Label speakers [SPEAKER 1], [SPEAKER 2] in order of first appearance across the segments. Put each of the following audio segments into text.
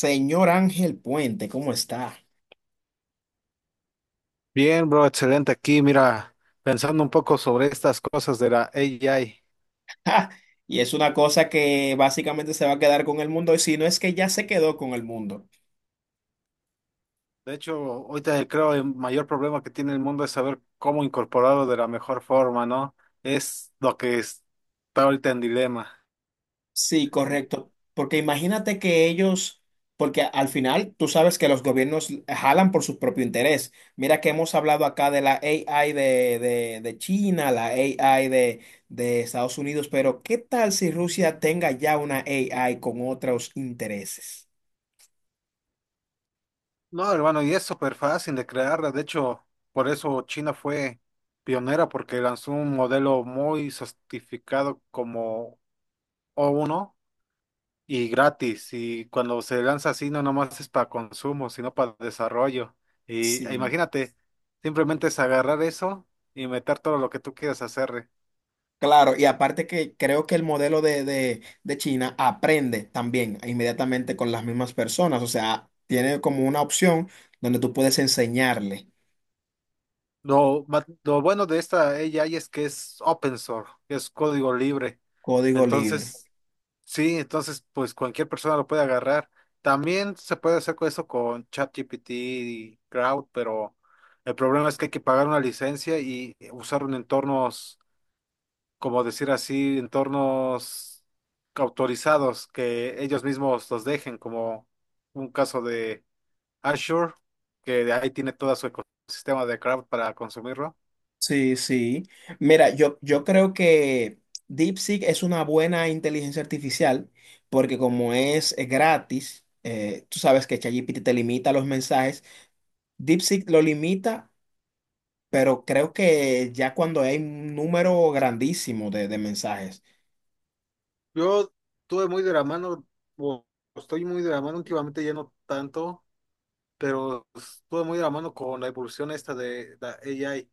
[SPEAKER 1] Señor Ángel Puente, ¿cómo está?
[SPEAKER 2] Bien, bro, excelente aquí. Mira, pensando un poco sobre estas cosas de la AI.
[SPEAKER 1] ¡Ja! Y es una cosa que básicamente se va a quedar con el mundo, y si no es que ya se quedó con el mundo.
[SPEAKER 2] De hecho, ahorita creo el mayor problema que tiene el mundo es saber cómo incorporarlo de la mejor forma, ¿no? Es lo que es- Está ahorita en dilema.
[SPEAKER 1] Sí, correcto. Porque imagínate que ellos, porque al final tú sabes que los gobiernos jalan por su propio interés. Mira que hemos hablado acá de la AI de China, la AI de Estados Unidos, pero ¿qué tal si Rusia tenga ya una AI con otros intereses?
[SPEAKER 2] No, hermano, y es súper fácil de crearla. De hecho, por eso China fue pionera, porque lanzó un modelo muy certificado como o uno. Y gratis. Y cuando se lanza así, no nomás es para consumo, sino para desarrollo. Y
[SPEAKER 1] Sí.
[SPEAKER 2] imagínate, simplemente es agarrar eso y meter todo lo que tú quieras hacerle.
[SPEAKER 1] Claro, y aparte que creo que el modelo de China aprende también inmediatamente con las mismas personas, o sea, tiene como una opción donde tú puedes enseñarle
[SPEAKER 2] Lo bueno de esta AI es que es open source, es código libre.
[SPEAKER 1] código libre.
[SPEAKER 2] Entonces, sí, entonces pues cualquier persona lo puede agarrar. También se puede hacer con eso con ChatGPT y Crowd, pero el problema es que hay que pagar una licencia y usar un entornos, como decir así, entornos autorizados que ellos mismos los dejen, como un caso de Azure, que de ahí tiene todo su ecosistema de cloud para consumirlo.
[SPEAKER 1] Sí, sí. Mira, yo creo que DeepSeek es una buena inteligencia artificial porque como es gratis, tú sabes que ChatGPT te limita los mensajes, DeepSeek lo limita, pero creo que ya cuando hay un número grandísimo de mensajes.
[SPEAKER 2] Yo tuve muy de la mano, o estoy muy de la mano últimamente, ya no tanto, pero estuve muy de la mano con la evolución esta de la AI.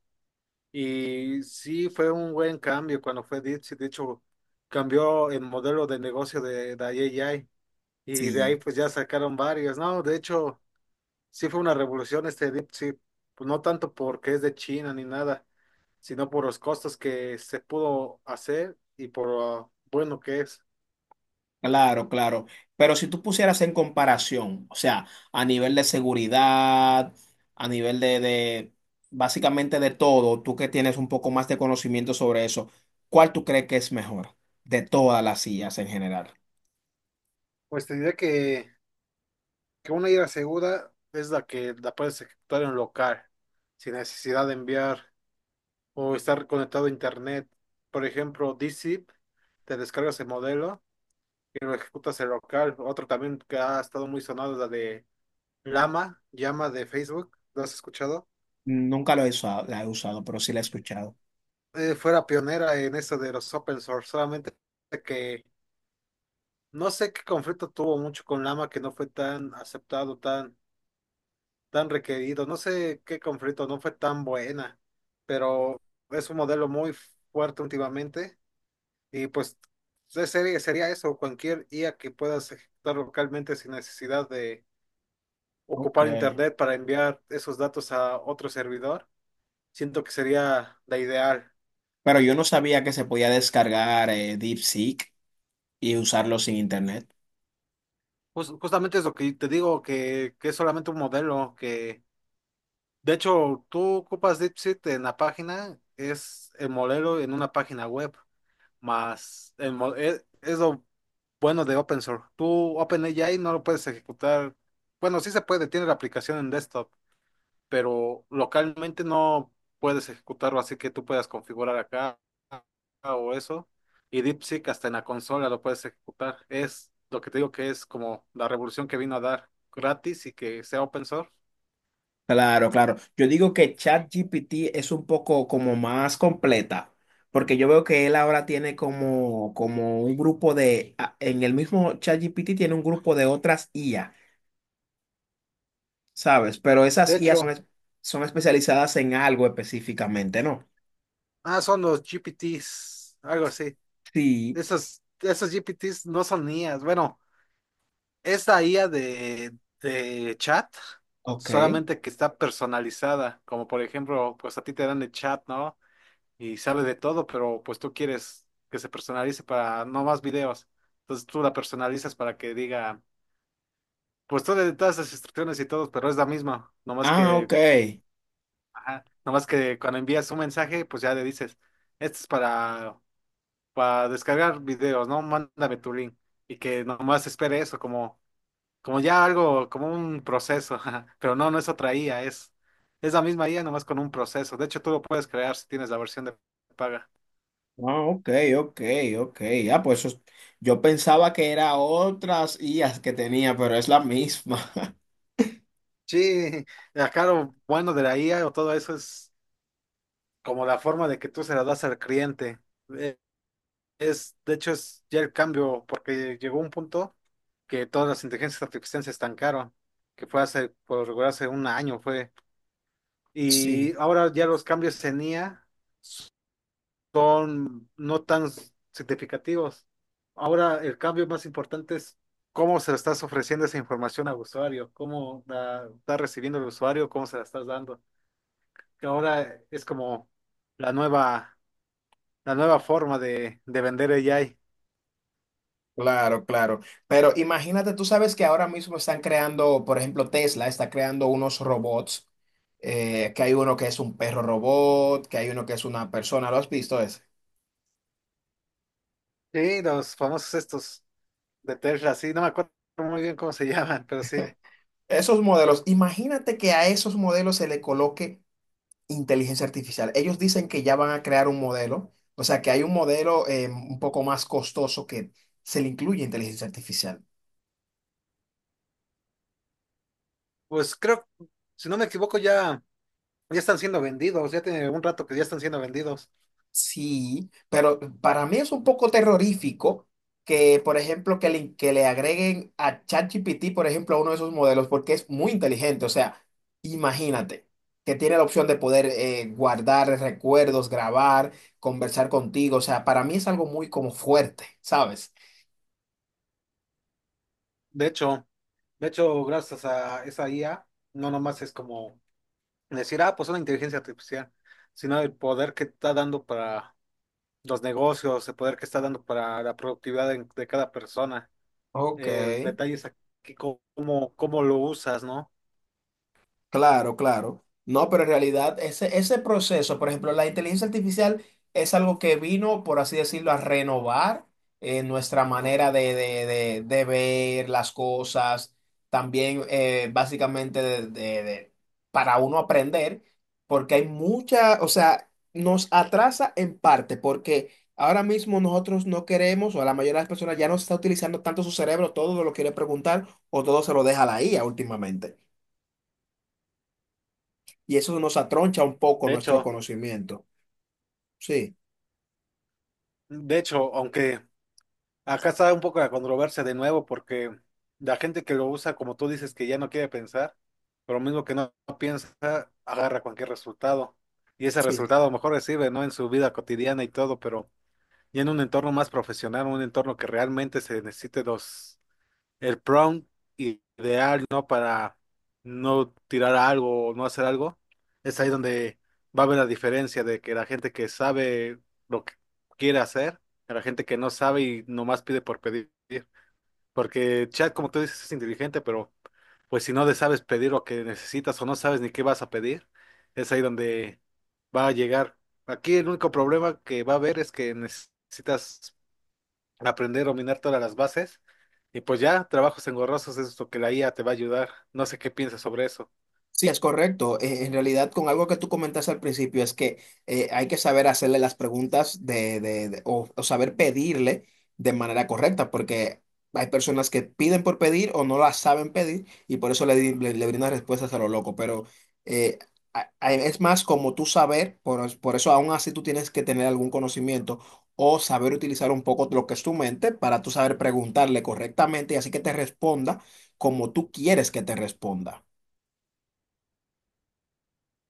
[SPEAKER 2] Y sí fue un buen cambio cuando fue Dipsy. De hecho, cambió el modelo de negocio de la AI. Y de ahí
[SPEAKER 1] Sí.
[SPEAKER 2] pues ya sacaron varios, ¿no? De hecho, sí fue una revolución este DeepSeek, pues no tanto porque es de China ni nada, sino por los costos que se pudo hacer y por lo bueno que es.
[SPEAKER 1] Claro, claro. Pero si tú pusieras en comparación, o sea, a nivel de seguridad, a nivel de básicamente de todo, tú que tienes un poco más de conocimiento sobre eso, ¿cuál tú crees que es mejor de todas las sillas en general?
[SPEAKER 2] Pues te diré que una ida segura es la que la puedes ejecutar en local, sin necesidad de enviar o estar conectado a internet. Por ejemplo, DZIP, te descargas el modelo y lo ejecutas en local. Otro también que ha estado muy sonado es la de Llama, Llama de Facebook, ¿lo has escuchado?
[SPEAKER 1] Nunca lo he usado, la he usado, pero sí la he escuchado.
[SPEAKER 2] Fuera pionera en eso de los open source, solamente que no sé qué conflicto tuvo mucho con Llama que no fue tan aceptado, tan, tan requerido, no sé qué conflicto, no fue tan buena, pero es un modelo muy fuerte últimamente, y pues de serie sería eso, cualquier IA que puedas ejecutar localmente sin necesidad de
[SPEAKER 1] Ok.
[SPEAKER 2] ocupar internet para enviar esos datos a otro servidor, siento que sería la ideal.
[SPEAKER 1] Pero yo no sabía que se podía descargar DeepSeek y usarlo sin internet.
[SPEAKER 2] Justamente es lo que te digo, que es solamente un modelo, que de hecho tú ocupas DeepSeek en la página, es el modelo en una página web, más es lo bueno de open source. Tú OpenAI no lo puedes ejecutar, bueno, sí se puede, tiene la aplicación en desktop, pero localmente no puedes ejecutarlo así que tú puedas configurar acá o eso. Y DeepSeek hasta en la consola lo puedes ejecutar. Es lo que te digo, que es como la revolución que vino a dar gratis y que sea open source.
[SPEAKER 1] Claro, claro. Yo digo que ChatGPT es un poco como más completa, porque yo veo que él ahora tiene como, como un grupo de, en el mismo ChatGPT tiene un grupo de otras IA, ¿sabes? Pero
[SPEAKER 2] De
[SPEAKER 1] esas IA son,
[SPEAKER 2] hecho,
[SPEAKER 1] son especializadas en algo específicamente, ¿no?
[SPEAKER 2] ah, son los GPTs, algo así.
[SPEAKER 1] Sí,
[SPEAKER 2] Esos, esos GPTs no son IAs. Bueno, es de chat,
[SPEAKER 1] ok.
[SPEAKER 2] solamente que está personalizada. Como por ejemplo, pues a ti te dan el chat, ¿no? Y sabe de todo, pero pues tú quieres que se personalice para no más videos. Entonces tú la personalizas para que diga, pues tú le das todas las instrucciones y todo, pero es la misma. Nomás
[SPEAKER 1] Ah,
[SPEAKER 2] que,
[SPEAKER 1] ok.
[SPEAKER 2] ajá, nomás que cuando envías un mensaje, pues ya le dices, esto es para descargar videos, ¿no? Mándame tu link. Y que nomás espere eso, como, como ya algo, como un proceso. Ajá. Pero no, no es otra IA, es la misma IA, nomás con un proceso. De hecho, tú lo puedes crear si tienes la versión de paga.
[SPEAKER 1] Ah, ok, ok, ok. Ah, pues yo pensaba que era otras IAs que tenía, pero es la misma.
[SPEAKER 2] Sí, acá lo bueno de la IA o todo eso es como la forma de que tú se la das al cliente. Eh, Es, de hecho, es ya el cambio, porque llegó un punto que todas las inteligencias artificiales se estancaron, que fue hace, por lo regular, hace un año fue.
[SPEAKER 1] Sí.
[SPEAKER 2] Y ahora ya los cambios en IA son no tan significativos. Ahora el cambio más importante es cómo se le estás ofreciendo esa información al usuario, cómo la está recibiendo el usuario, cómo se la estás dando, que ahora es como la nueva, la nueva forma de vender AI.
[SPEAKER 1] Claro, claro. Pero imagínate, tú sabes que ahora mismo están creando, por ejemplo, Tesla está creando unos robots, que hay uno que es un perro robot, que hay uno que es una persona, ¿lo has visto ese?
[SPEAKER 2] Sí, los famosos estos de Tesla, sí, no me acuerdo muy bien cómo se llaman, pero sí.
[SPEAKER 1] Esos modelos, imagínate que a esos modelos se le coloque inteligencia artificial. Ellos dicen que ya van a crear un modelo, o sea que hay un modelo un poco más costoso que se le incluye inteligencia artificial.
[SPEAKER 2] Pues creo, si no me equivoco, ya, ya están siendo vendidos, ya tiene un rato que ya están siendo vendidos.
[SPEAKER 1] Sí, pero para mí es un poco terrorífico que, por ejemplo, que le agreguen a ChatGPT, por ejemplo, a uno de esos modelos, porque es muy inteligente. O sea, imagínate que tiene la opción de poder guardar recuerdos, grabar, conversar contigo. O sea, para mí es algo muy como fuerte, ¿sabes?
[SPEAKER 2] De hecho, de hecho, gracias a esa IA, no nomás es como decir, ah, pues una inteligencia artificial, sino el poder que está dando para los negocios, el poder que está dando para la productividad de cada persona.
[SPEAKER 1] Ok.
[SPEAKER 2] Detalles a que cómo, cómo lo usas, ¿no?
[SPEAKER 1] Claro, claro. No, pero en realidad ese proceso, por ejemplo, la inteligencia artificial es algo que vino, por así decirlo, a renovar nuestra manera de, de ver las cosas, también básicamente de, para uno aprender, porque hay mucha, o sea, nos atrasa en parte, porque ahora mismo nosotros no queremos, o la mayoría de las personas ya no está utilizando tanto su cerebro, todo lo quiere preguntar o todo se lo deja a la IA últimamente y eso nos atroncha un poco
[SPEAKER 2] De
[SPEAKER 1] nuestro
[SPEAKER 2] hecho,
[SPEAKER 1] conocimiento. Sí,
[SPEAKER 2] de hecho, aunque acá está un poco la controversia de nuevo, porque la gente que lo usa, como tú dices, que ya no quiere pensar, pero lo mismo que no piensa, agarra cualquier resultado. Y ese
[SPEAKER 1] sí.
[SPEAKER 2] resultado a lo mejor le sirve, ¿no? En su vida cotidiana y todo, pero ya en un entorno más profesional, un entorno que realmente se necesite dos. El prompt ideal, ¿no? Para no tirar algo o no hacer algo, es ahí donde va a haber la diferencia de que la gente que sabe lo que quiere hacer, a la gente que no sabe y nomás pide por pedir. Porque chat, como tú dices, es inteligente, pero pues si no le sabes pedir lo que necesitas o no sabes ni qué vas a pedir, es ahí donde va a llegar. Aquí el único problema que va a haber es que necesitas aprender a dominar todas las bases. Y pues ya, trabajos engorrosos es lo que la IA te va a ayudar. No sé qué piensas sobre eso.
[SPEAKER 1] Sí, es correcto. En realidad, con algo que tú comentaste al principio, es que hay que saber hacerle las preguntas de, o saber pedirle de manera correcta, porque hay personas que piden por pedir o no las saben pedir y por eso le brindan respuestas a lo loco. Pero eh, es más como tú saber, por eso aún así tú tienes que tener algún conocimiento o saber utilizar un poco lo que es tu mente para tú saber preguntarle correctamente y así que te responda como tú quieres que te responda.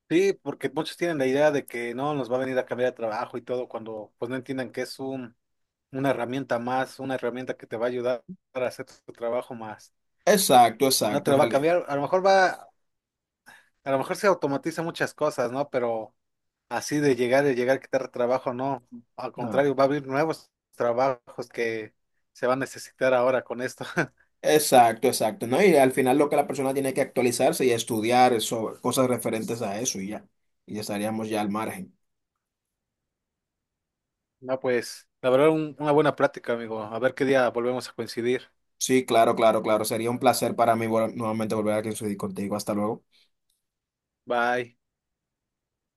[SPEAKER 2] Sí, porque muchos tienen la idea de que no nos va a venir a cambiar de trabajo y todo, cuando pues no entiendan que es un, una herramienta más, una herramienta que te va a ayudar a hacer tu trabajo más.
[SPEAKER 1] Exacto,
[SPEAKER 2] No te
[SPEAKER 1] exacto, en
[SPEAKER 2] lo va a
[SPEAKER 1] realidad.
[SPEAKER 2] cambiar, a lo mejor va, a lo mejor se automatiza muchas cosas, ¿no? Pero así de llegar y llegar a quitar trabajo, no. Al
[SPEAKER 1] Ah,
[SPEAKER 2] contrario, va a haber nuevos trabajos que se van a necesitar ahora con esto.
[SPEAKER 1] exacto, exacto, ¿no? Y al final lo que la persona tiene que actualizarse y estudiar sobre cosas referentes a eso y ya. Y ya estaríamos ya al margen.
[SPEAKER 2] No, pues, la verdad, una buena plática, amigo. A ver qué día volvemos a coincidir.
[SPEAKER 1] Sí, claro, claro, claro. Sería un placer para mí nuevamente volver aquí a discutir contigo. Hasta luego.
[SPEAKER 2] Bye.